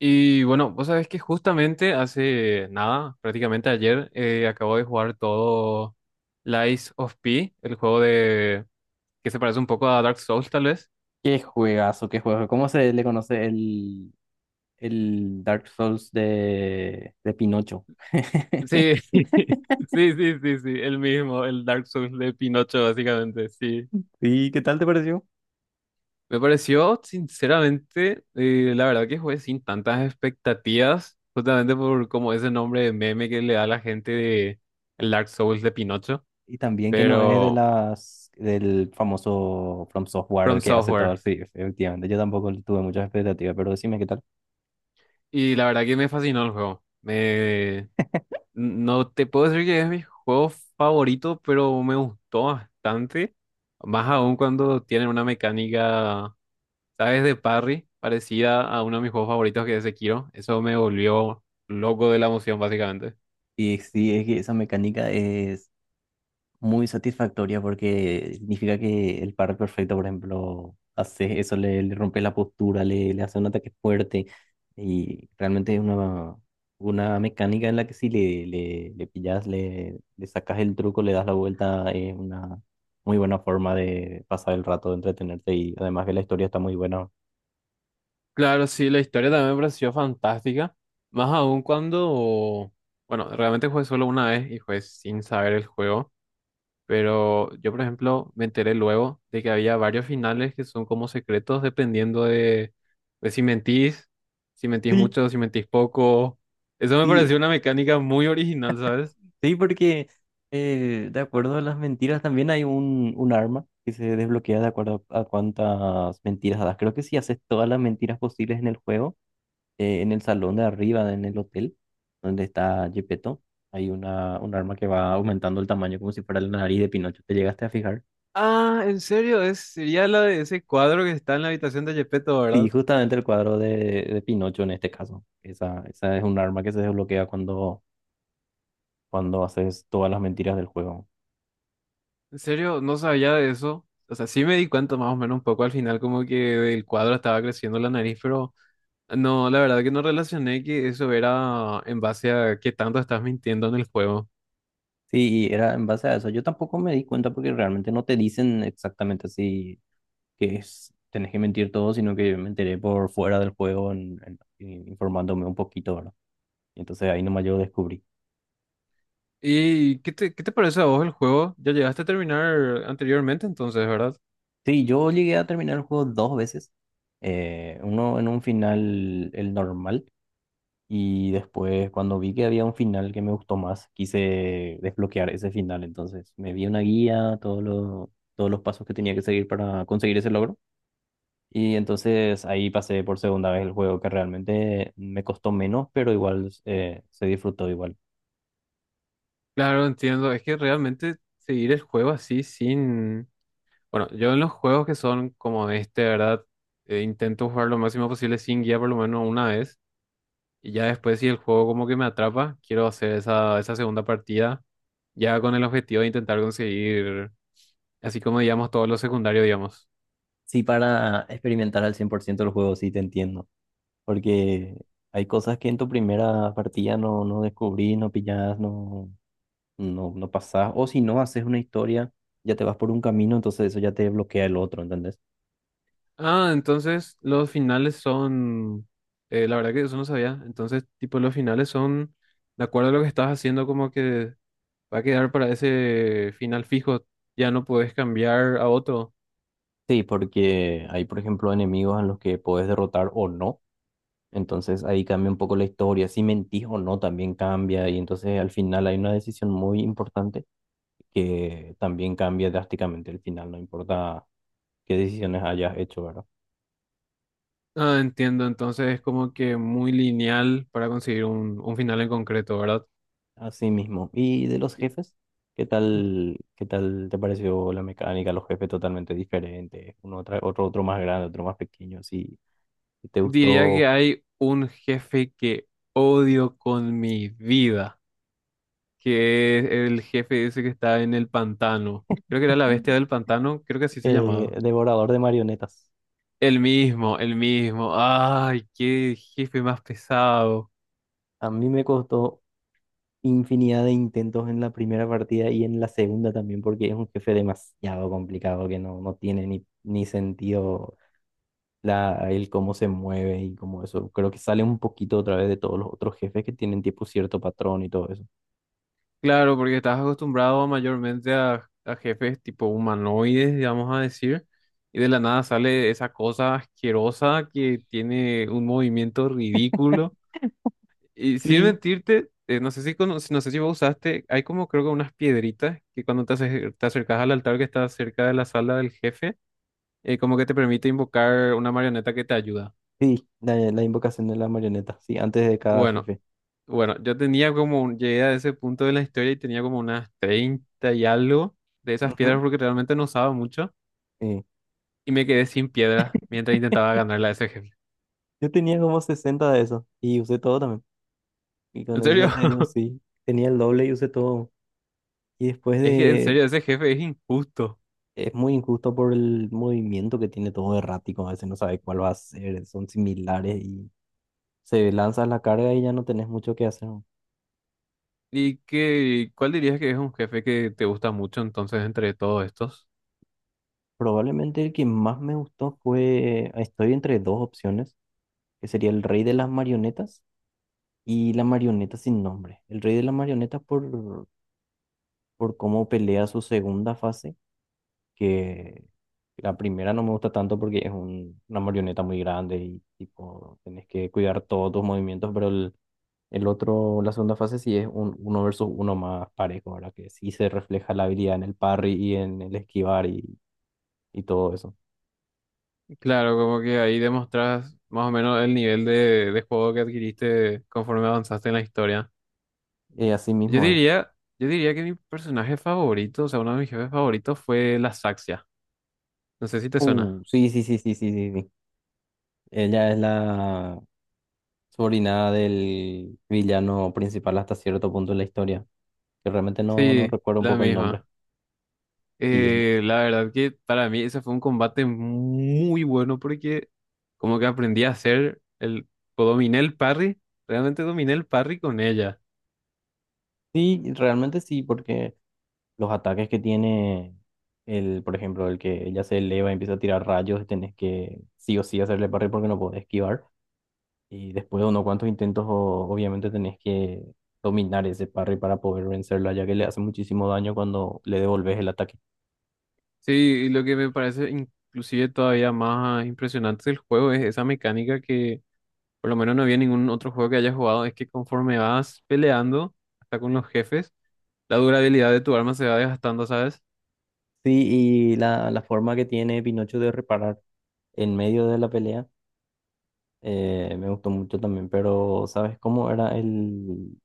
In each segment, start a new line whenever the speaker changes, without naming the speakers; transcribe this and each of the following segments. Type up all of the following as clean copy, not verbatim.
Y bueno, vos sabés que justamente hace nada, prácticamente ayer, acabo de jugar todo Lies of P, el juego de que se parece un poco a Dark Souls, tal vez.
Qué juegazo, qué juego. ¿Cómo se le conoce el Dark Souls de Pinocho?
Sí, sí, sí, sí, sí, el mismo, el Dark Souls de Pinocho, básicamente, sí.
¿Y qué tal te pareció?
Me pareció, sinceramente, la verdad que jugué sin tantas expectativas, justamente por como ese nombre de meme que le da la gente de el Dark Souls de Pinocho,
Y también que no es de
pero
las del famoso From
From
Software que hace todo.
Software.
Sí, efectivamente. Yo tampoco tuve muchas expectativas, pero decime qué tal.
Y la verdad que me fascinó el juego. Me... No te puedo decir que es mi juego favorito, pero me gustó bastante. Más aún cuando tienen una mecánica, ¿sabes? De parry, parecida a uno de mis juegos favoritos que es Sekiro. Eso me volvió loco de la emoción, básicamente.
Y sí, es que esa mecánica es muy satisfactoria porque significa que el par perfecto, por ejemplo, hace eso, le rompe la postura, le hace un ataque fuerte y realmente es una mecánica en la que si le pillas, le sacas el truco, le das la vuelta, es una muy buena forma de pasar el rato, de entretenerte y además que la historia está muy buena.
Claro, sí, la historia también me pareció fantástica. Más aún cuando, bueno, realmente jugué solo una vez y jugué sin saber el juego. Pero yo, por ejemplo, me enteré luego de que había varios finales que son como secretos dependiendo de si mentís, si mentís
Sí.
mucho, si mentís poco. Eso me
Sí,
pareció una mecánica muy original, ¿sabes?
Sí, porque de acuerdo a las mentiras también hay un arma que se desbloquea de acuerdo a cuántas mentiras das. Creo que si haces todas las mentiras posibles en el juego, en el salón de arriba, en el hotel donde está Gepetto, hay una, un arma que va aumentando el tamaño como si fuera la nariz de Pinocho. ¿Te llegaste a fijar?
Ah, en serio, es, sería la de ese cuadro que está en la habitación de Gepetto,
Sí,
¿verdad?
justamente el cuadro de Pinocho en este caso. Esa es un arma que se desbloquea cuando haces todas las mentiras del juego.
En serio, no sabía de eso. O sea, sí me di cuenta más o menos un poco al final como que el cuadro estaba creciendo la nariz, pero no, la verdad que no relacioné que eso era en base a qué tanto estás mintiendo en el juego.
Sí, y era en base a eso. Yo tampoco me di cuenta porque realmente no te dicen exactamente así que es, tenés que mentir todo, sino que yo me enteré por fuera del juego informándome un poquito, ¿verdad? Y entonces ahí nomás yo descubrí.
¿Y qué te parece a vos el juego? Ya llegaste a terminar anteriormente, entonces, ¿verdad?
Sí, yo llegué a terminar el juego dos veces. Uno en un final, el normal, y después cuando vi que había un final que me gustó más, quise desbloquear ese final. Entonces me vi una guía, todos los pasos que tenía que seguir para conseguir ese logro. Y entonces ahí pasé por segunda vez el juego que realmente me costó menos, pero igual se disfrutó igual.
Claro, entiendo. Es que realmente seguir el juego así sin... Bueno, yo en los juegos que son como este, ¿verdad? Intento jugar lo máximo posible sin guía por lo menos una vez. Y ya después si el juego como que me atrapa, quiero hacer esa, esa segunda partida ya con el objetivo de intentar conseguir, así como digamos, todos los secundarios, digamos.
Sí, para experimentar al 100% el juego, sí te entiendo, porque hay cosas que en tu primera partida no descubrís, no pillás, no pasás, o si no haces una historia, ya te vas por un camino, entonces eso ya te bloquea el otro, ¿entendés?
Ah, entonces los finales son, la verdad que eso no sabía. Entonces, tipo, los finales son, de acuerdo a lo que estás haciendo, como que va a quedar para ese final fijo. Ya no puedes cambiar a otro.
Sí, porque hay, por ejemplo, enemigos en los que puedes derrotar o no. Entonces ahí cambia un poco la historia, si mentís o no también cambia y entonces al final hay una decisión muy importante que también cambia drásticamente el final, no importa qué decisiones hayas hecho, ¿verdad?
Ah, entiendo. Entonces es como que muy lineal para conseguir un final en concreto, ¿verdad?
Así mismo. ¿Y de los
Y
jefes? ¿Qué tal te pareció la mecánica? Los jefes totalmente diferentes, otro, otro más grande, otro más pequeño, si te
diría
gustó.
que hay un jefe que odio con mi vida, que es el jefe ese que está en el pantano. Creo que era la bestia del pantano, creo que así se llamaba.
Devorador de Marionetas.
El mismo, el mismo. Ay, qué jefe más pesado.
A mí me costó infinidad de intentos en la primera partida y en la segunda también, porque es un jefe demasiado complicado que no tiene ni sentido el cómo se mueve y como eso. Creo que sale un poquito otra vez de todos los otros jefes que tienen tipo cierto patrón y todo eso.
Claro, porque estás acostumbrado mayormente a jefes tipo humanoides, digamos a decir, y de la nada sale esa cosa asquerosa que tiene un movimiento ridículo. Y sin
Sí,
mentirte, no sé si cono- no sé si vos usaste, hay como creo que unas piedritas que cuando te, ace- te acercas al altar que está cerca de la sala del jefe, como que te permite invocar una marioneta que te ayuda.
sí, la invocación de la marioneta, sí, antes de cada
Bueno,
jefe.
Bueno, yo tenía como, un- llegué a ese punto de la historia y tenía como unas 30 y algo de esas piedras
Ujú,
porque realmente no usaba mucho
sí.
y me quedé sin piedras mientras intentaba ganarle a ese jefe.
Yo tenía como 60 de eso y usé todo también. Y con
En
eso
serio,
ya te digo, sí, tenía el doble y usé todo. Y después
es que en
de...
serio ese jefe es injusto.
Es muy injusto por el movimiento que tiene todo errático, a veces no sabes cuál va a ser, son similares y se lanzas la carga y ya no tenés mucho que hacer.
¿Y qué, cuál dirías que es un jefe que te gusta mucho entonces entre todos estos?
Probablemente el que más me gustó fue, estoy entre dos opciones, que sería el rey de las marionetas y la marioneta sin nombre. El rey de las marionetas por cómo pelea su segunda fase, que la primera no me gusta tanto porque es una marioneta muy grande y tipo, tenés que cuidar todos tus movimientos, El otro, la segunda fase sí es un uno versus uno más parejo, ¿verdad? Que sí se refleja la habilidad en el parry y en el esquivar y todo eso.
Claro, como que ahí demostras más o menos el nivel de juego que adquiriste conforme avanzaste en la historia.
Y así
Yo
mismo es.
diría, yo diría que mi personaje favorito, o sea, uno de mis jefes favoritos fue la Saxia. No sé si te suena.
Sí, sí, sí, sí, sí, sí, sí. Ella es la sobrina del villano principal hasta cierto punto de la historia, que realmente no
Sí,
recuerdo un
la
poco el nombre.
misma.
Y ella.
La verdad que para mí ese fue un combate muy bueno porque como que aprendí a hacer el, o dominé el parry, realmente dominé el parry con ella.
Sí, realmente sí, porque los ataques que tiene por ejemplo, el que ella se eleva y empieza a tirar rayos, tenés que sí o sí hacerle parry porque no podés esquivar. Y después de unos cuantos intentos, obviamente tenés que dominar ese parry para poder vencerla, ya que le hace muchísimo daño cuando le devolves el ataque.
Sí, y lo que me parece inclusive todavía más impresionante del juego es esa mecánica que por lo menos no había ningún otro juego que haya jugado, es que conforme vas peleando hasta con los jefes, la durabilidad de tu arma se va desgastando, ¿sabes?
Sí, y la forma que tiene Pinocho de reparar en medio de la pelea me gustó mucho también, pero ¿sabes cómo era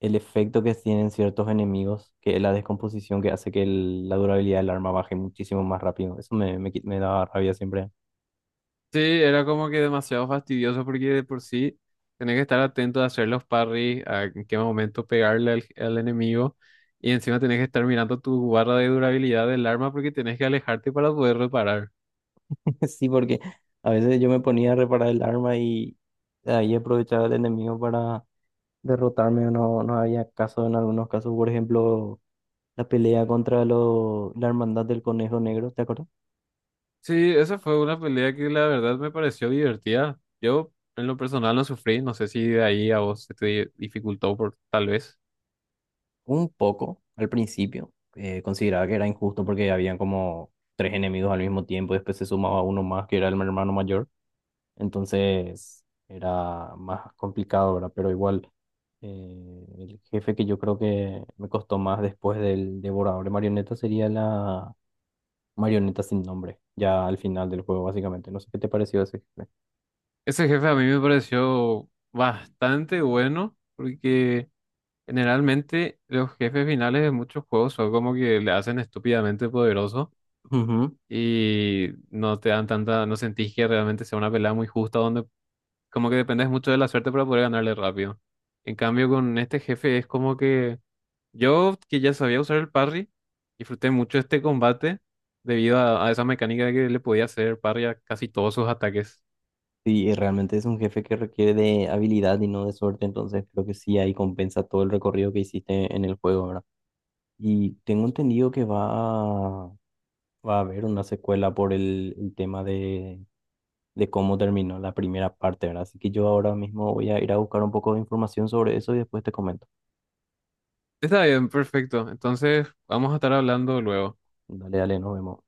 el efecto que tienen ciertos enemigos? Que es la descomposición que hace que la durabilidad del arma baje muchísimo más rápido. Eso me daba rabia siempre.
Sí, era como que demasiado fastidioso porque de por sí tenés que estar atento a hacer los parries, a en qué momento pegarle al, al enemigo y encima tenés que estar mirando tu barra de durabilidad del arma porque tenés que alejarte para poder reparar.
Sí, porque a veces yo me ponía a reparar el arma y ahí aprovechaba el enemigo para derrotarme o no, no había caso en algunos casos. Por ejemplo, la pelea contra la Hermandad del Conejo Negro, ¿te acuerdas?
Sí, esa fue una pelea que la verdad me pareció divertida. Yo en lo personal no sufrí, no sé si de ahí a vos se te di- dificultó por tal vez.
Un poco al principio. Consideraba que era injusto porque habían como tres enemigos al mismo tiempo y después se sumaba uno más que era el hermano mayor. Entonces era más complicado, ¿verdad? Pero igual, el jefe que yo creo que me costó más después del devorador de marionetas sería la marioneta sin nombre, ya al final del juego, básicamente. No sé qué te pareció ese jefe.
Ese jefe a mí me pareció bastante bueno porque... Generalmente los jefes finales de muchos juegos son como que le hacen estúpidamente poderoso
Ujú.
y no te dan tanta, no sentís que realmente sea una pelea muy justa donde como que dependes mucho de la suerte para poder ganarle rápido. En cambio con este jefe es como que yo que ya sabía usar el parry, disfruté mucho este combate debido a esa mecánica de que le podía hacer parry a casi todos sus ataques.
Sí, y realmente es un jefe que requiere de habilidad y no de suerte, entonces creo que sí ahí compensa todo el recorrido que hiciste en el juego, ¿verdad? Y tengo entendido que a, va a haber una secuela por el tema de cómo terminó la primera parte, ¿verdad? Así que yo ahora mismo voy a ir a buscar un poco de información sobre eso y después te comento.
Está bien, perfecto. Entonces vamos a estar hablando luego.
Dale, dale, nos vemos.